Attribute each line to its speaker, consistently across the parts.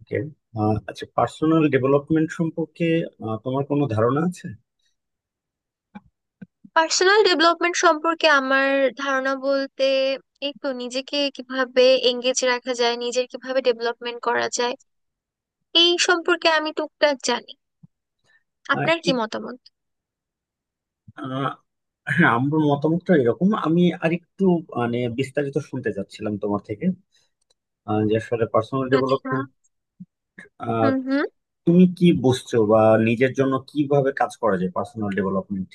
Speaker 1: ওকে। আচ্ছা, personal development সম্পর্কে তোমার কোনো ধারণা আছে?
Speaker 2: পার্সোনাল ডেভেলপমেন্ট সম্পর্কে আমার ধারণা বলতে এই তো নিজেকে কিভাবে এঙ্গেজ রাখা যায় নিজের কিভাবে ডেভেলপমেন্ট করা যায় এই সম্পর্কে আমি টুকটাক জানি।
Speaker 1: আহ,
Speaker 2: আপনার কি
Speaker 1: এক-
Speaker 2: মতামত?
Speaker 1: আহ, হ্যাঁ, আমার মতামতটা এরকম, আমি আরেকটু মানে বিস্তারিত শুনতে চাচ্ছিলাম তোমার থেকে, যে আসলে পার্সোনাল
Speaker 2: আচ্ছা।
Speaker 1: ডেভেলপমেন্ট
Speaker 2: হুম হুম।
Speaker 1: তুমি কি বুঝছো বা নিজের জন্য কিভাবে কাজ করা যায় পার্সোনাল ডেভেলপমেন্ট।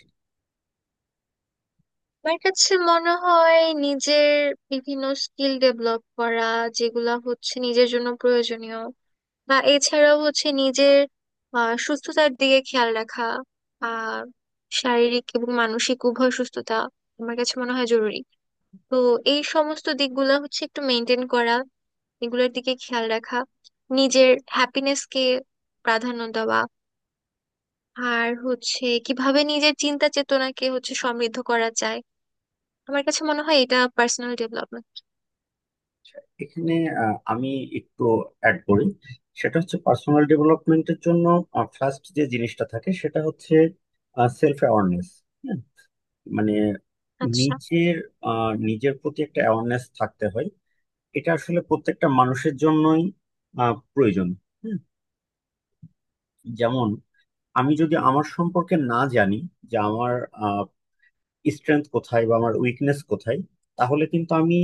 Speaker 2: আমার কাছে মনে হয় নিজের বিভিন্ন স্কিল ডেভেলপ করা যেগুলা হচ্ছে নিজের জন্য প্রয়োজনীয় বা এছাড়াও হচ্ছে নিজের সুস্থতার দিকে খেয়াল রাখা আর শারীরিক এবং মানসিক উভয় সুস্থতা আমার কাছে মনে হয় জরুরি। তো এই সমস্ত দিকগুলো হচ্ছে একটু মেনটেন করা, এগুলোর দিকে খেয়াল রাখা, নিজের হ্যাপিনেসকে প্রাধান্য দেওয়া, আর হচ্ছে কিভাবে নিজের চিন্তা চেতনাকে হচ্ছে সমৃদ্ধ করা যায়। আমার কাছে মনে হয় এটা পার্সোনাল ডেভেলপমেন্ট।
Speaker 1: এখানে আমি একটু অ্যাড করি। সেটা হচ্ছে পার্সোনাল ডেভেলপমেন্টের জন্য ফার্স্ট যে জিনিসটা থাকে সেটা হচ্ছে সেলফ অ্যাওয়ারনেস। মানে
Speaker 2: আচ্ছা।
Speaker 1: নিজের নিজের প্রতি একটা অ্যাওয়ারনেস থাকতে হয়। এটা আসলে প্রত্যেকটা মানুষের জন্যই প্রয়োজন। হুম, যেমন আমি যদি আমার সম্পর্কে না জানি, যে আমার স্ট্রেংথ কোথায় বা আমার উইকনেস কোথায়, তাহলে কিন্তু আমি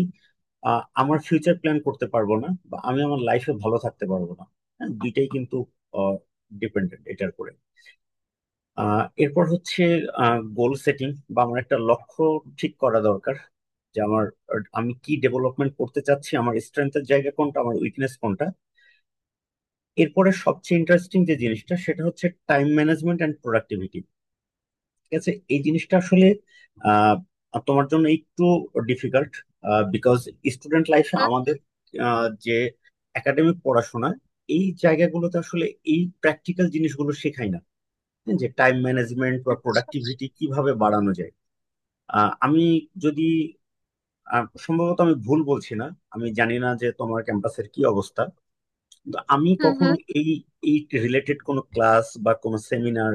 Speaker 1: আমার ফিউচার প্ল্যান করতে পারবো না বা আমি আমার লাইফে ভালো থাকতে পারবো না। হ্যাঁ, দুইটাই কিন্তু ডিপেন্ডেন্ট এটার উপরে। এরপর হচ্ছে গোল সেটিং বা আমার একটা লক্ষ্য ঠিক করা দরকার, যে আমার আর আমি কি ডেভেলপমেন্ট করতে চাচ্ছি, আমার স্ট্রেংথের জায়গা কোনটা, আমার উইকনেস কোনটা। এরপরে সবচেয়ে ইন্টারেস্টিং যে জিনিসটা সেটা হচ্ছে টাইম ম্যানেজমেন্ট এন্ড প্রোডাক্টিভিটি। ঠিক আছে, এই জিনিসটা আসলে আহ তোমার জন্য একটু ডিফিকাল্ট, বিকজ স্টুডেন্ট লাইফে
Speaker 2: হুম,
Speaker 1: আমাদের যে একাডেমিক পড়াশোনা, এই জায়গাগুলোতে আসলে এই প্র্যাকটিক্যাল জিনিসগুলো শেখায় না, যে টাইম ম্যানেজমেন্ট বা
Speaker 2: আচ্ছা।
Speaker 1: প্রোডাক্টিভিটি কিভাবে বাড়ানো যায়। আমি যদি সম্ভবত আমি ভুল বলছি না, আমি জানি না যে তোমার ক্যাম্পাসের কি অবস্থা, কিন্তু আমি
Speaker 2: হুম
Speaker 1: কখনো
Speaker 2: হুম।
Speaker 1: এই এই রিলেটেড কোনো ক্লাস বা কোনো সেমিনার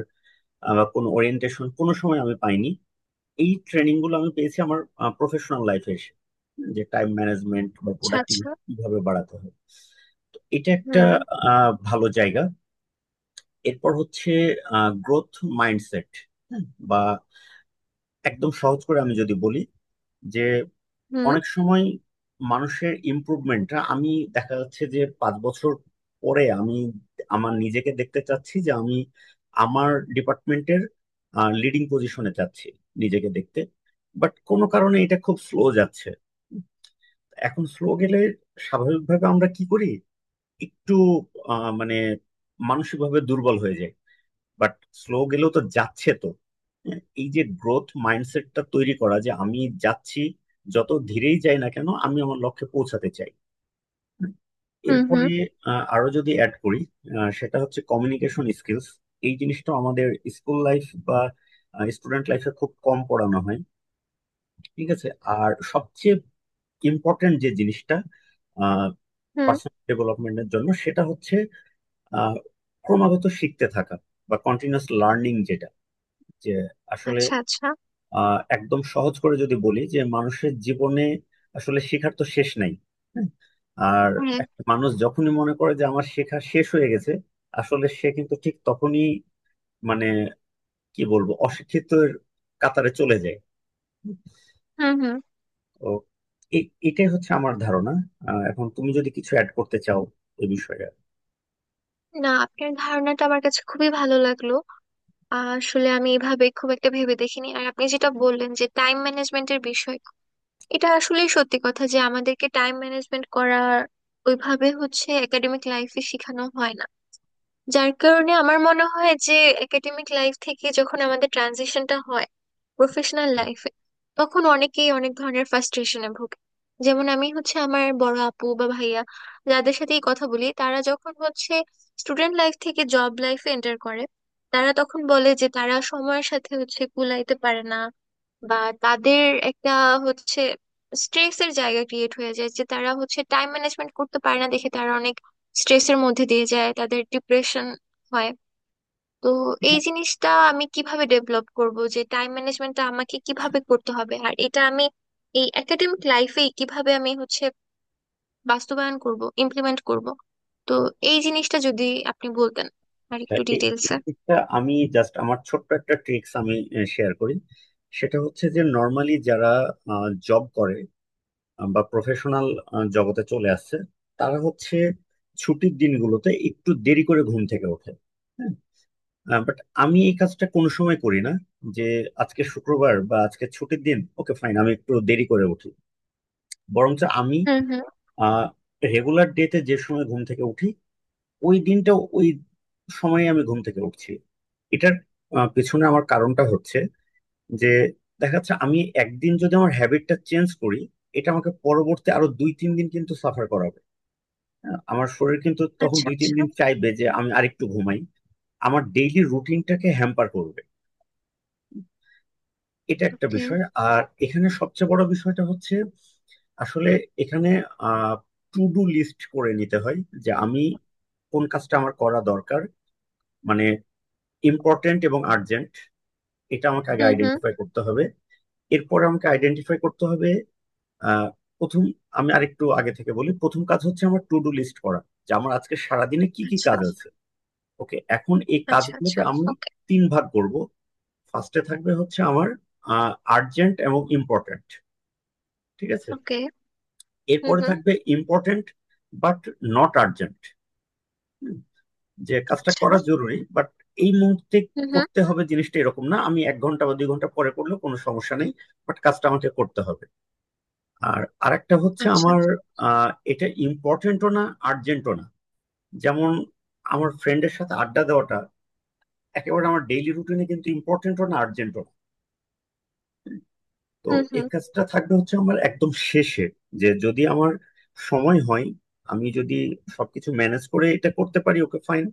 Speaker 1: বা কোনো ওরিয়েন্টেশন কোনো সময় আমি পাইনি। এই ট্রেনিং গুলো আমি পেয়েছি আমার প্রফেশনাল লাইফে এসে, যে টাইম ম্যানেজমেন্ট বা
Speaker 2: আচ্ছা আচ্ছা।
Speaker 1: প্রোডাক্টিভিটি কিভাবে বাড়াতে হয়। তো এটা একটা
Speaker 2: হুম
Speaker 1: ভালো জায়গা। এরপর হচ্ছে গ্রোথ মাইন্ডসেট। বা একদম সহজ করে আমি যদি বলি যে
Speaker 2: হুম।
Speaker 1: অনেক সময় মানুষের ইমপ্রুভমেন্টটা, আমি দেখা যাচ্ছে যে 5 বছর পরে আমি আমার নিজেকে দেখতে চাচ্ছি যে আমি আমার ডিপার্টমেন্টের লিডিং পজিশনে চাচ্ছি নিজেকে দেখতে, বাট কোনো কারণে এটা খুব স্লো যাচ্ছে। এখন স্লো গেলে স্বাভাবিকভাবে আমরা কি করি, একটু মানে মানসিকভাবে দুর্বল হয়ে যাই। বাট স্লো গেলেও তো যাচ্ছে তো। হ্যাঁ, এই যে গ্রোথ মাইন্ডসেটটা তৈরি করা, যে আমি যাচ্ছি, যত ধীরেই যাই না কেন আমি আমার লক্ষ্যে পৌঁছাতে চাই। হ্যাঁ।
Speaker 2: হুম
Speaker 1: এরপরে
Speaker 2: হুম।
Speaker 1: আরো যদি অ্যাড করি, সেটা হচ্ছে কমিউনিকেশন স্কিলস। এই জিনিসটা আমাদের স্কুল লাইফ বা স্টুডেন্ট লাইফে খুব কম পড়ানো হয়। ঠিক আছে। আর সবচেয়ে ইম্পর্টেন্ট যে জিনিসটা
Speaker 2: হুম।
Speaker 1: পার্সোনাল ডেভেলপমেন্টের জন্য সেটা হচ্ছে আহ, ক্রমাগত শিখতে থাকা বা কন্টিনিউয়াস লার্নিং, যেটা যে আসলে
Speaker 2: আচ্ছা আচ্ছা।
Speaker 1: একদম সহজ করে যদি বলি, যে মানুষের জীবনে আসলে শেখার তো শেষ নাই। হ্যাঁ। আর
Speaker 2: হ্যাঁ।
Speaker 1: একটা মানুষ যখনই মনে করে যে আমার শেখা শেষ হয়ে গেছে, আসলে সে কিন্তু ঠিক তখনই মানে কি বলবো অশিক্ষিতের কাতারে চলে যায়।
Speaker 2: হুম হুম।
Speaker 1: তো এটাই হচ্ছে আমার ধারণা। এখন তুমি যদি কিছু অ্যাড করতে চাও এই বিষয়ে।
Speaker 2: না, আপনার ধারণাটা আমার কাছে খুবই ভালো লাগলো। আসলে আমি এভাবে খুব একটা ভেবে দেখিনি। আর আপনি যেটা বললেন যে টাইম ম্যানেজমেন্টের বিষয়, এটা আসলে সত্যি কথা যে আমাদেরকে টাইম ম্যানেজমেন্ট করার ওইভাবে হচ্ছে একাডেমিক লাইফে শেখানো হয় না। যার কারণে আমার মনে হয় যে একাডেমিক লাইফ থেকে যখন আমাদের ট্রানজিশনটা হয় প্রফেশনাল লাইফে, তখন অনেকেই অনেক ধরনের ফ্রাস্ট্রেশনে ভোগে। যেমন আমি হচ্ছে আমার বড় আপু বা ভাইয়া, যাদের সাথেই কথা বলি, তারা যখন হচ্ছে স্টুডেন্ট লাইফ থেকে জব লাইফে এন্টার করে, তারা তখন বলে যে তারা সময়ের সাথে হচ্ছে কুলাইতে পারে না, বা তাদের একটা হচ্ছে স্ট্রেসের জায়গা ক্রিয়েট হয়ে যায় যে তারা হচ্ছে টাইম ম্যানেজমেন্ট করতে পারে না দেখে তারা অনেক স্ট্রেসের মধ্যে দিয়ে যায়, তাদের ডিপ্রেশন হয়। তো এই জিনিসটা আমি কিভাবে ডেভেলপ করব, যে টাইম ম্যানেজমেন্টটা আমাকে কিভাবে করতে হবে, আর এটা আমি এই একাডেমিক লাইফেই কিভাবে আমি হচ্ছে বাস্তবায়ন করব, ইমপ্লিমেন্ট করব। তো এই জিনিসটা যদি আপনি বলতেন আর
Speaker 1: তা
Speaker 2: একটু
Speaker 1: এই
Speaker 2: ডিটেলসে।
Speaker 1: দিকটা আমি জাস্ট আমার ছোট্ট একটা ট্রিক্স আমি শেয়ার করি। সেটা হচ্ছে যে নর্মালি যারা জব করে বা প্রফেশনাল জগতে চলে আসছে, তারা হচ্ছে ছুটির দিনগুলোতে একটু দেরি করে ঘুম থেকে ওঠে। হ্যাঁ, বাট আমি এই কাজটা কোনো সময় করি না, যে আজকে শুক্রবার বা আজকে ছুটির দিন, ওকে ফাইন, আমি একটু দেরি করে উঠি। বরঞ্চ আমি
Speaker 2: হুম হুম।
Speaker 1: আহ রেগুলার ডেতে যে সময় ঘুম থেকে উঠি, ওই দিনটা ওই সময়ে আমি ঘুম থেকে উঠছি। এটার পিছনে আমার কারণটা হচ্ছে যে দেখা যাচ্ছে আমি একদিন যদি আমার হ্যাবিটটা চেঞ্জ করি, এটা আমাকে পরবর্তী আরো 2-3 দিন কিন্তু সাফার করা, আমার শরীর কিন্তু তখন
Speaker 2: আচ্ছা
Speaker 1: দুই তিন
Speaker 2: আচ্ছা।
Speaker 1: দিন চাইবে যে আমি আরেকটু ঘুমাই। আমার ডেইলি রুটিনটাকে হ্যাম্পার করবে। এটা একটা
Speaker 2: ওকে।
Speaker 1: বিষয়। আর এখানে সবচেয়ে বড় বিষয়টা হচ্ছে আসলে এখানে টু ডু লিস্ট করে নিতে হয়, যে আমি কোন কাজটা আমার করা দরকার, মানে ইম্পর্ট্যান্ট এবং আর্জেন্ট, এটা আমাকে আগে
Speaker 2: হুম হুম।
Speaker 1: আইডেন্টিফাই করতে হবে। এরপর আমাকে আইডেন্টিফাই করতে হবে আহ, প্রথম, আমি আরেকটু আগে থেকে বলি, প্রথম কাজ হচ্ছে আমার টু ডু লিস্ট করা, যে আমার আজকে সারাদিনে কি কি
Speaker 2: আচ্ছা
Speaker 1: কাজ আছে। ওকে, এখন এই
Speaker 2: আচ্ছা। আচ্ছা।
Speaker 1: কাজগুলোকে আমি
Speaker 2: ওকে।
Speaker 1: তিন ভাগ করব। ফার্স্টে থাকবে হচ্ছে আমার আর্জেন্ট এবং ইম্পর্ট্যান্ট, ঠিক আছে।
Speaker 2: ওকে। হুম
Speaker 1: এরপরে
Speaker 2: হুম।
Speaker 1: থাকবে ইম্পর্ট্যান্ট বাট নট আর্জেন্ট, যে কাজটা
Speaker 2: আচ্ছা।
Speaker 1: করা জরুরি বাট এই মুহূর্তে
Speaker 2: হুম হুম।
Speaker 1: করতে হবে জিনিসটা এরকম না, আমি 1 ঘন্টা বা 2 ঘন্টা পরে করলেও কোনো সমস্যা নেই, বাট কাজটা আমাকে করতে হবে। আর আরেকটা হচ্ছে
Speaker 2: আচ্ছা।
Speaker 1: আমার এটা ইম্পর্টেন্টও না আর্জেন্টও না, যেমন আমার ফ্রেন্ডের সাথে আড্ডা দেওয়াটা একেবারে আমার ডেইলি রুটিনে কিন্তু ইম্পর্টেন্টও না আর্জেন্টও। তো
Speaker 2: হুম
Speaker 1: এই
Speaker 2: হুম।
Speaker 1: কাজটা থাকবে হচ্ছে আমার একদম শেষে, যে যদি আমার সময় হয়, আমি যদি সবকিছু ম্যানেজ করে এটা করতে পারি ওকে ফাইন,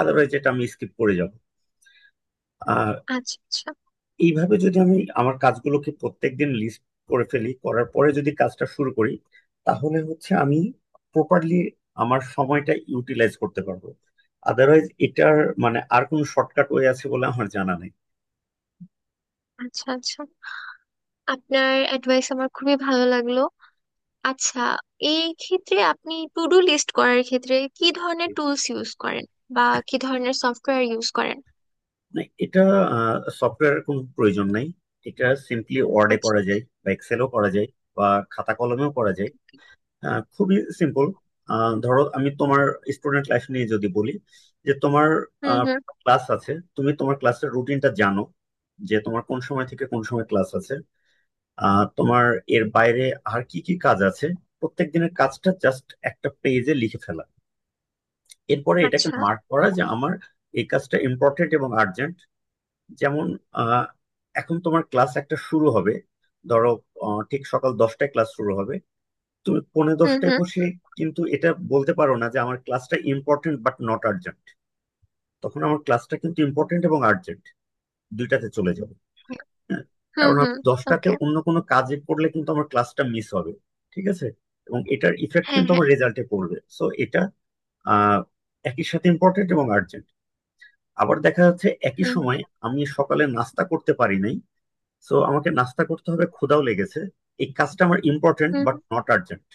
Speaker 1: আদারওয়াইজ এটা আমি স্কিপ করে যাব। আর
Speaker 2: আচ্ছা আচ্ছা।
Speaker 1: এইভাবে যদি আমি আমার কাজগুলোকে প্রত্যেকদিন লিস্ট করে ফেলি, করার পরে যদি কাজটা শুরু করি, তাহলে হচ্ছে আমি প্রপারলি আমার সময়টা ইউটিলাইজ করতে পারবো। আদারওয়াইজ এটার মানে আর কোনো শর্টকাট ওয়ে আছে বলে আমার জানা নেই।
Speaker 2: আচ্ছা। আচ্ছা। আপনার অ্যাডভাইস আমার খুবই ভালো লাগলো। আচ্ছা, এই ক্ষেত্রে আপনি টু ডু লিস্ট করার ক্ষেত্রে কি ধরনের টুলস ইউজ করেন, বা কি ধরনের সফটওয়্যার ইউজ করেন?
Speaker 1: না, এটা সফটওয়্যারের কোনো প্রয়োজন নাই। এটা সিম্পলি ওয়ার্ডে
Speaker 2: আচ্ছা।
Speaker 1: করা যায় বা এক্সেলও করা যায় বা খাতা কলমেও করা যায়। খুবই সিম্পল। ধরো আমি তোমার স্টুডেন্ট লাইফ নিয়ে যদি বলি, যে তোমার
Speaker 2: হুম হুম।
Speaker 1: ক্লাস আছে, তুমি তোমার ক্লাসের রুটিনটা জানো, যে তোমার কোন সময় থেকে কোন সময় ক্লাস আছে। তোমার এর বাইরে আর কি কি কাজ আছে, প্রত্যেক দিনের কাজটা জাস্ট একটা পেজে লিখে ফেলা। এরপরে এটাকে
Speaker 2: আচ্ছা।
Speaker 1: মার্ক করা যে আমার এই কাজটা ইম্পর্টেন্ট এবং আর্জেন্ট। যেমন আহ, এখন তোমার ক্লাস একটা শুরু হবে, ধরো ঠিক সকাল 10টায় ক্লাস শুরু হবে, তুমি পৌনে
Speaker 2: হুম
Speaker 1: দশটায়
Speaker 2: হুম।
Speaker 1: বসে কিন্তু এটা বলতে পারো না যে আমার ক্লাসটা ইম্পর্টেন্ট বাট নট আর্জেন্ট। তখন আমার ক্লাসটা কিন্তু ইম্পর্টেন্ট এবং আর্জেন্ট দুইটাতে চলে যাবে। হ্যাঁ।
Speaker 2: হুম
Speaker 1: কারণ আমি
Speaker 2: হুম।
Speaker 1: 10টাতে
Speaker 2: ওকে।
Speaker 1: অন্য কোনো কাজে পড়লে কিন্তু আমার ক্লাসটা মিস হবে, ঠিক আছে। এবং এটার ইফেক্ট
Speaker 2: হ্যাঁ
Speaker 1: কিন্তু
Speaker 2: হ্যাঁ।
Speaker 1: আমার রেজাল্টে পড়বে, সো এটা আহ, একই সাথে ইম্পর্টেন্ট এবং আর্জেন্ট। আবার দেখা যাচ্ছে একই
Speaker 2: হুম হুম।
Speaker 1: সময় আমি সকালে নাস্তা করতে পারি নাই, সো আমাকে নাস্তা করতে হবে, ক্ষুধাও লেগেছে। এই কাজটা আমার ইম্পর্টেন্ট
Speaker 2: হুম
Speaker 1: বাট
Speaker 2: হুম।
Speaker 1: Not urgent.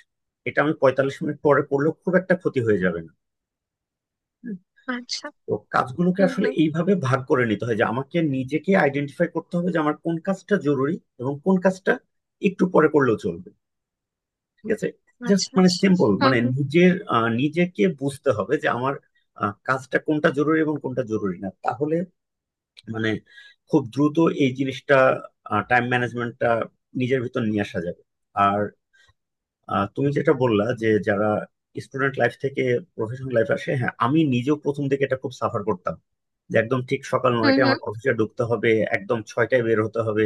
Speaker 1: এটা আমি 45 মিনিট পরে করলেও খুব একটা ক্ষতি হয়ে যাবে না। হুম।
Speaker 2: আচ্ছা।
Speaker 1: তো কাজগুলোকে
Speaker 2: হুম
Speaker 1: আসলে
Speaker 2: হুম।
Speaker 1: এইভাবে ভাগ করে নিতে হয়, যে আমাকে নিজেকে আইডেন্টিফাই করতে হবে যে আমার কোন কাজটা জরুরি এবং কোন কাজটা একটু পরে করলেও চলবে, ঠিক আছে। জাস্ট
Speaker 2: আচ্ছা
Speaker 1: মানে
Speaker 2: আচ্ছা।
Speaker 1: সিম্পল,
Speaker 2: হুম
Speaker 1: মানে
Speaker 2: হুম।
Speaker 1: নিজের নিজেকে বুঝতে হবে যে আমার কাজটা কোনটা জরুরি এবং কোনটা জরুরি না, তাহলে মানে খুব দ্রুত এই জিনিসটা টাইম ম্যানেজমেন্টটা নিজের ভিতর নিয়ে আসা যাবে। আর তুমি যেটা বললা যে যারা স্টুডেন্ট লাইফ থেকে প্রফেশনাল লাইফ আসে, হ্যাঁ আমি নিজেও প্রথম থেকে এটা খুব সাফার করতাম, যে একদম ঠিক সকাল
Speaker 2: হুম
Speaker 1: নয়টায় আমাকে
Speaker 2: হুম।
Speaker 1: অফিসে ঢুকতে হবে, একদম 6টায় বের হতে হবে,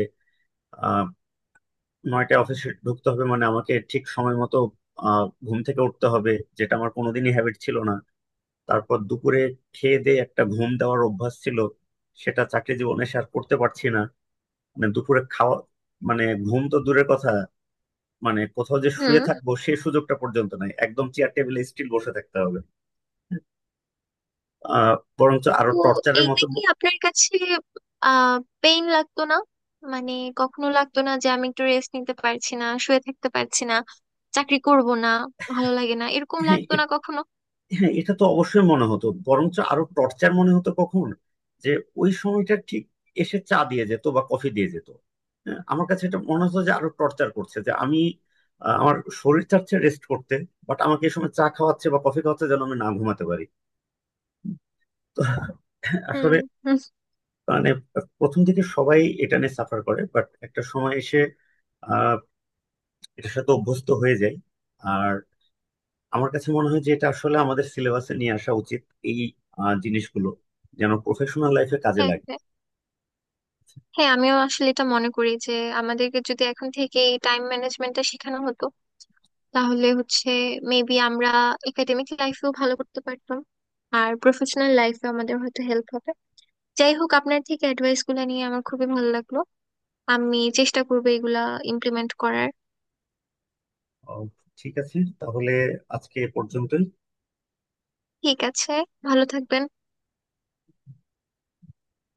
Speaker 1: আহ 9টায় অফিসে ঢুকতে হবে মানে আমাকে ঠিক সময় মতো ঘুম থেকে উঠতে হবে, যেটা আমার কোনোদিনই হ্যাবিট ছিল না। তারপর দুপুরে খেয়ে দিয়ে একটা ঘুম দেওয়ার অভ্যাস ছিল, সেটা চাকরি জীবনে সে আর করতে পারছি না। মানে দুপুরে খাওয়া মানে ঘুম তো দূরের কথা, মানে কোথাও যে শুয়ে
Speaker 2: হুম।
Speaker 1: থাকবো সেই সুযোগটা পর্যন্ত নাই, একদম চেয়ার টেবিলে স্টিল বসে থাকতে হবে। বরঞ্চ আরো
Speaker 2: তো
Speaker 1: টর্চারের
Speaker 2: এইটা
Speaker 1: মতো
Speaker 2: কি আপনার কাছে আহ পেইন লাগতো না? মানে কখনো লাগতো না যে আমি একটু রেস্ট নিতে পারছি না, শুয়ে থাকতে পারছি না, চাকরি করব না, ভালো লাগে না, এরকম
Speaker 1: হ্যাঁ,
Speaker 2: লাগতো না কখনো?
Speaker 1: হ্যাঁ, এটা তো অবশ্যই মনে হতো, বরঞ্চ আরো টর্চার মনে হতো কখন, যে ওই সময়টা ঠিক এসে চা দিয়ে যেত বা কফি দিয়ে যেত। হ্যাঁ, আমার কাছে এটা মনে হতো যে আরো টর্চার করছে, যে আমি আমার শরীর চাচ্ছে রেস্ট করতে, বাট আমাকে এই সময় চা খাওয়াচ্ছে বা কফি খাওয়াচ্ছে যেন আমি না ঘুমাতে পারি। তো
Speaker 2: হুম।
Speaker 1: আসলে
Speaker 2: হুম,
Speaker 1: মানে প্রথম দিকে সবাই এটা নিয়ে সাফার করে, বাট একটা সময় এসে আহ এটার সাথে অভ্যস্ত হয়ে যায়। আর আমার কাছে মনে হয় যে এটা আসলে আমাদের সিলেবাসে নিয়ে আসা উচিত, এই জিনিসগুলো যেন প্রফেশনাল লাইফে কাজে
Speaker 2: হ্যাঁ
Speaker 1: লাগে।
Speaker 2: হ্যাঁ। হ্যাঁ, আমিও আসলে এটা মনে করি যে আমাদেরকে যদি এখন থেকে এই টাইম ম্যানেজমেন্টটা শেখানো হতো, তাহলে হচ্ছে মেবি আমরা একাডেমিক লাইফেও ভালো করতে পারতাম, আর প্রফেশনাল লাইফে আমাদের হয়তো হেল্প হবে। যাই হোক, আপনার থেকে অ্যাডভাইস গুলো নিয়ে আমার খুবই ভালো লাগলো। আমি চেষ্টা করবো এগুলা ইমপ্লিমেন্ট করার।
Speaker 1: আহ, ঠিক আছে, তাহলে আজকে এ পর্যন্তই।
Speaker 2: ঠিক আছে। ভালো থাকবেন।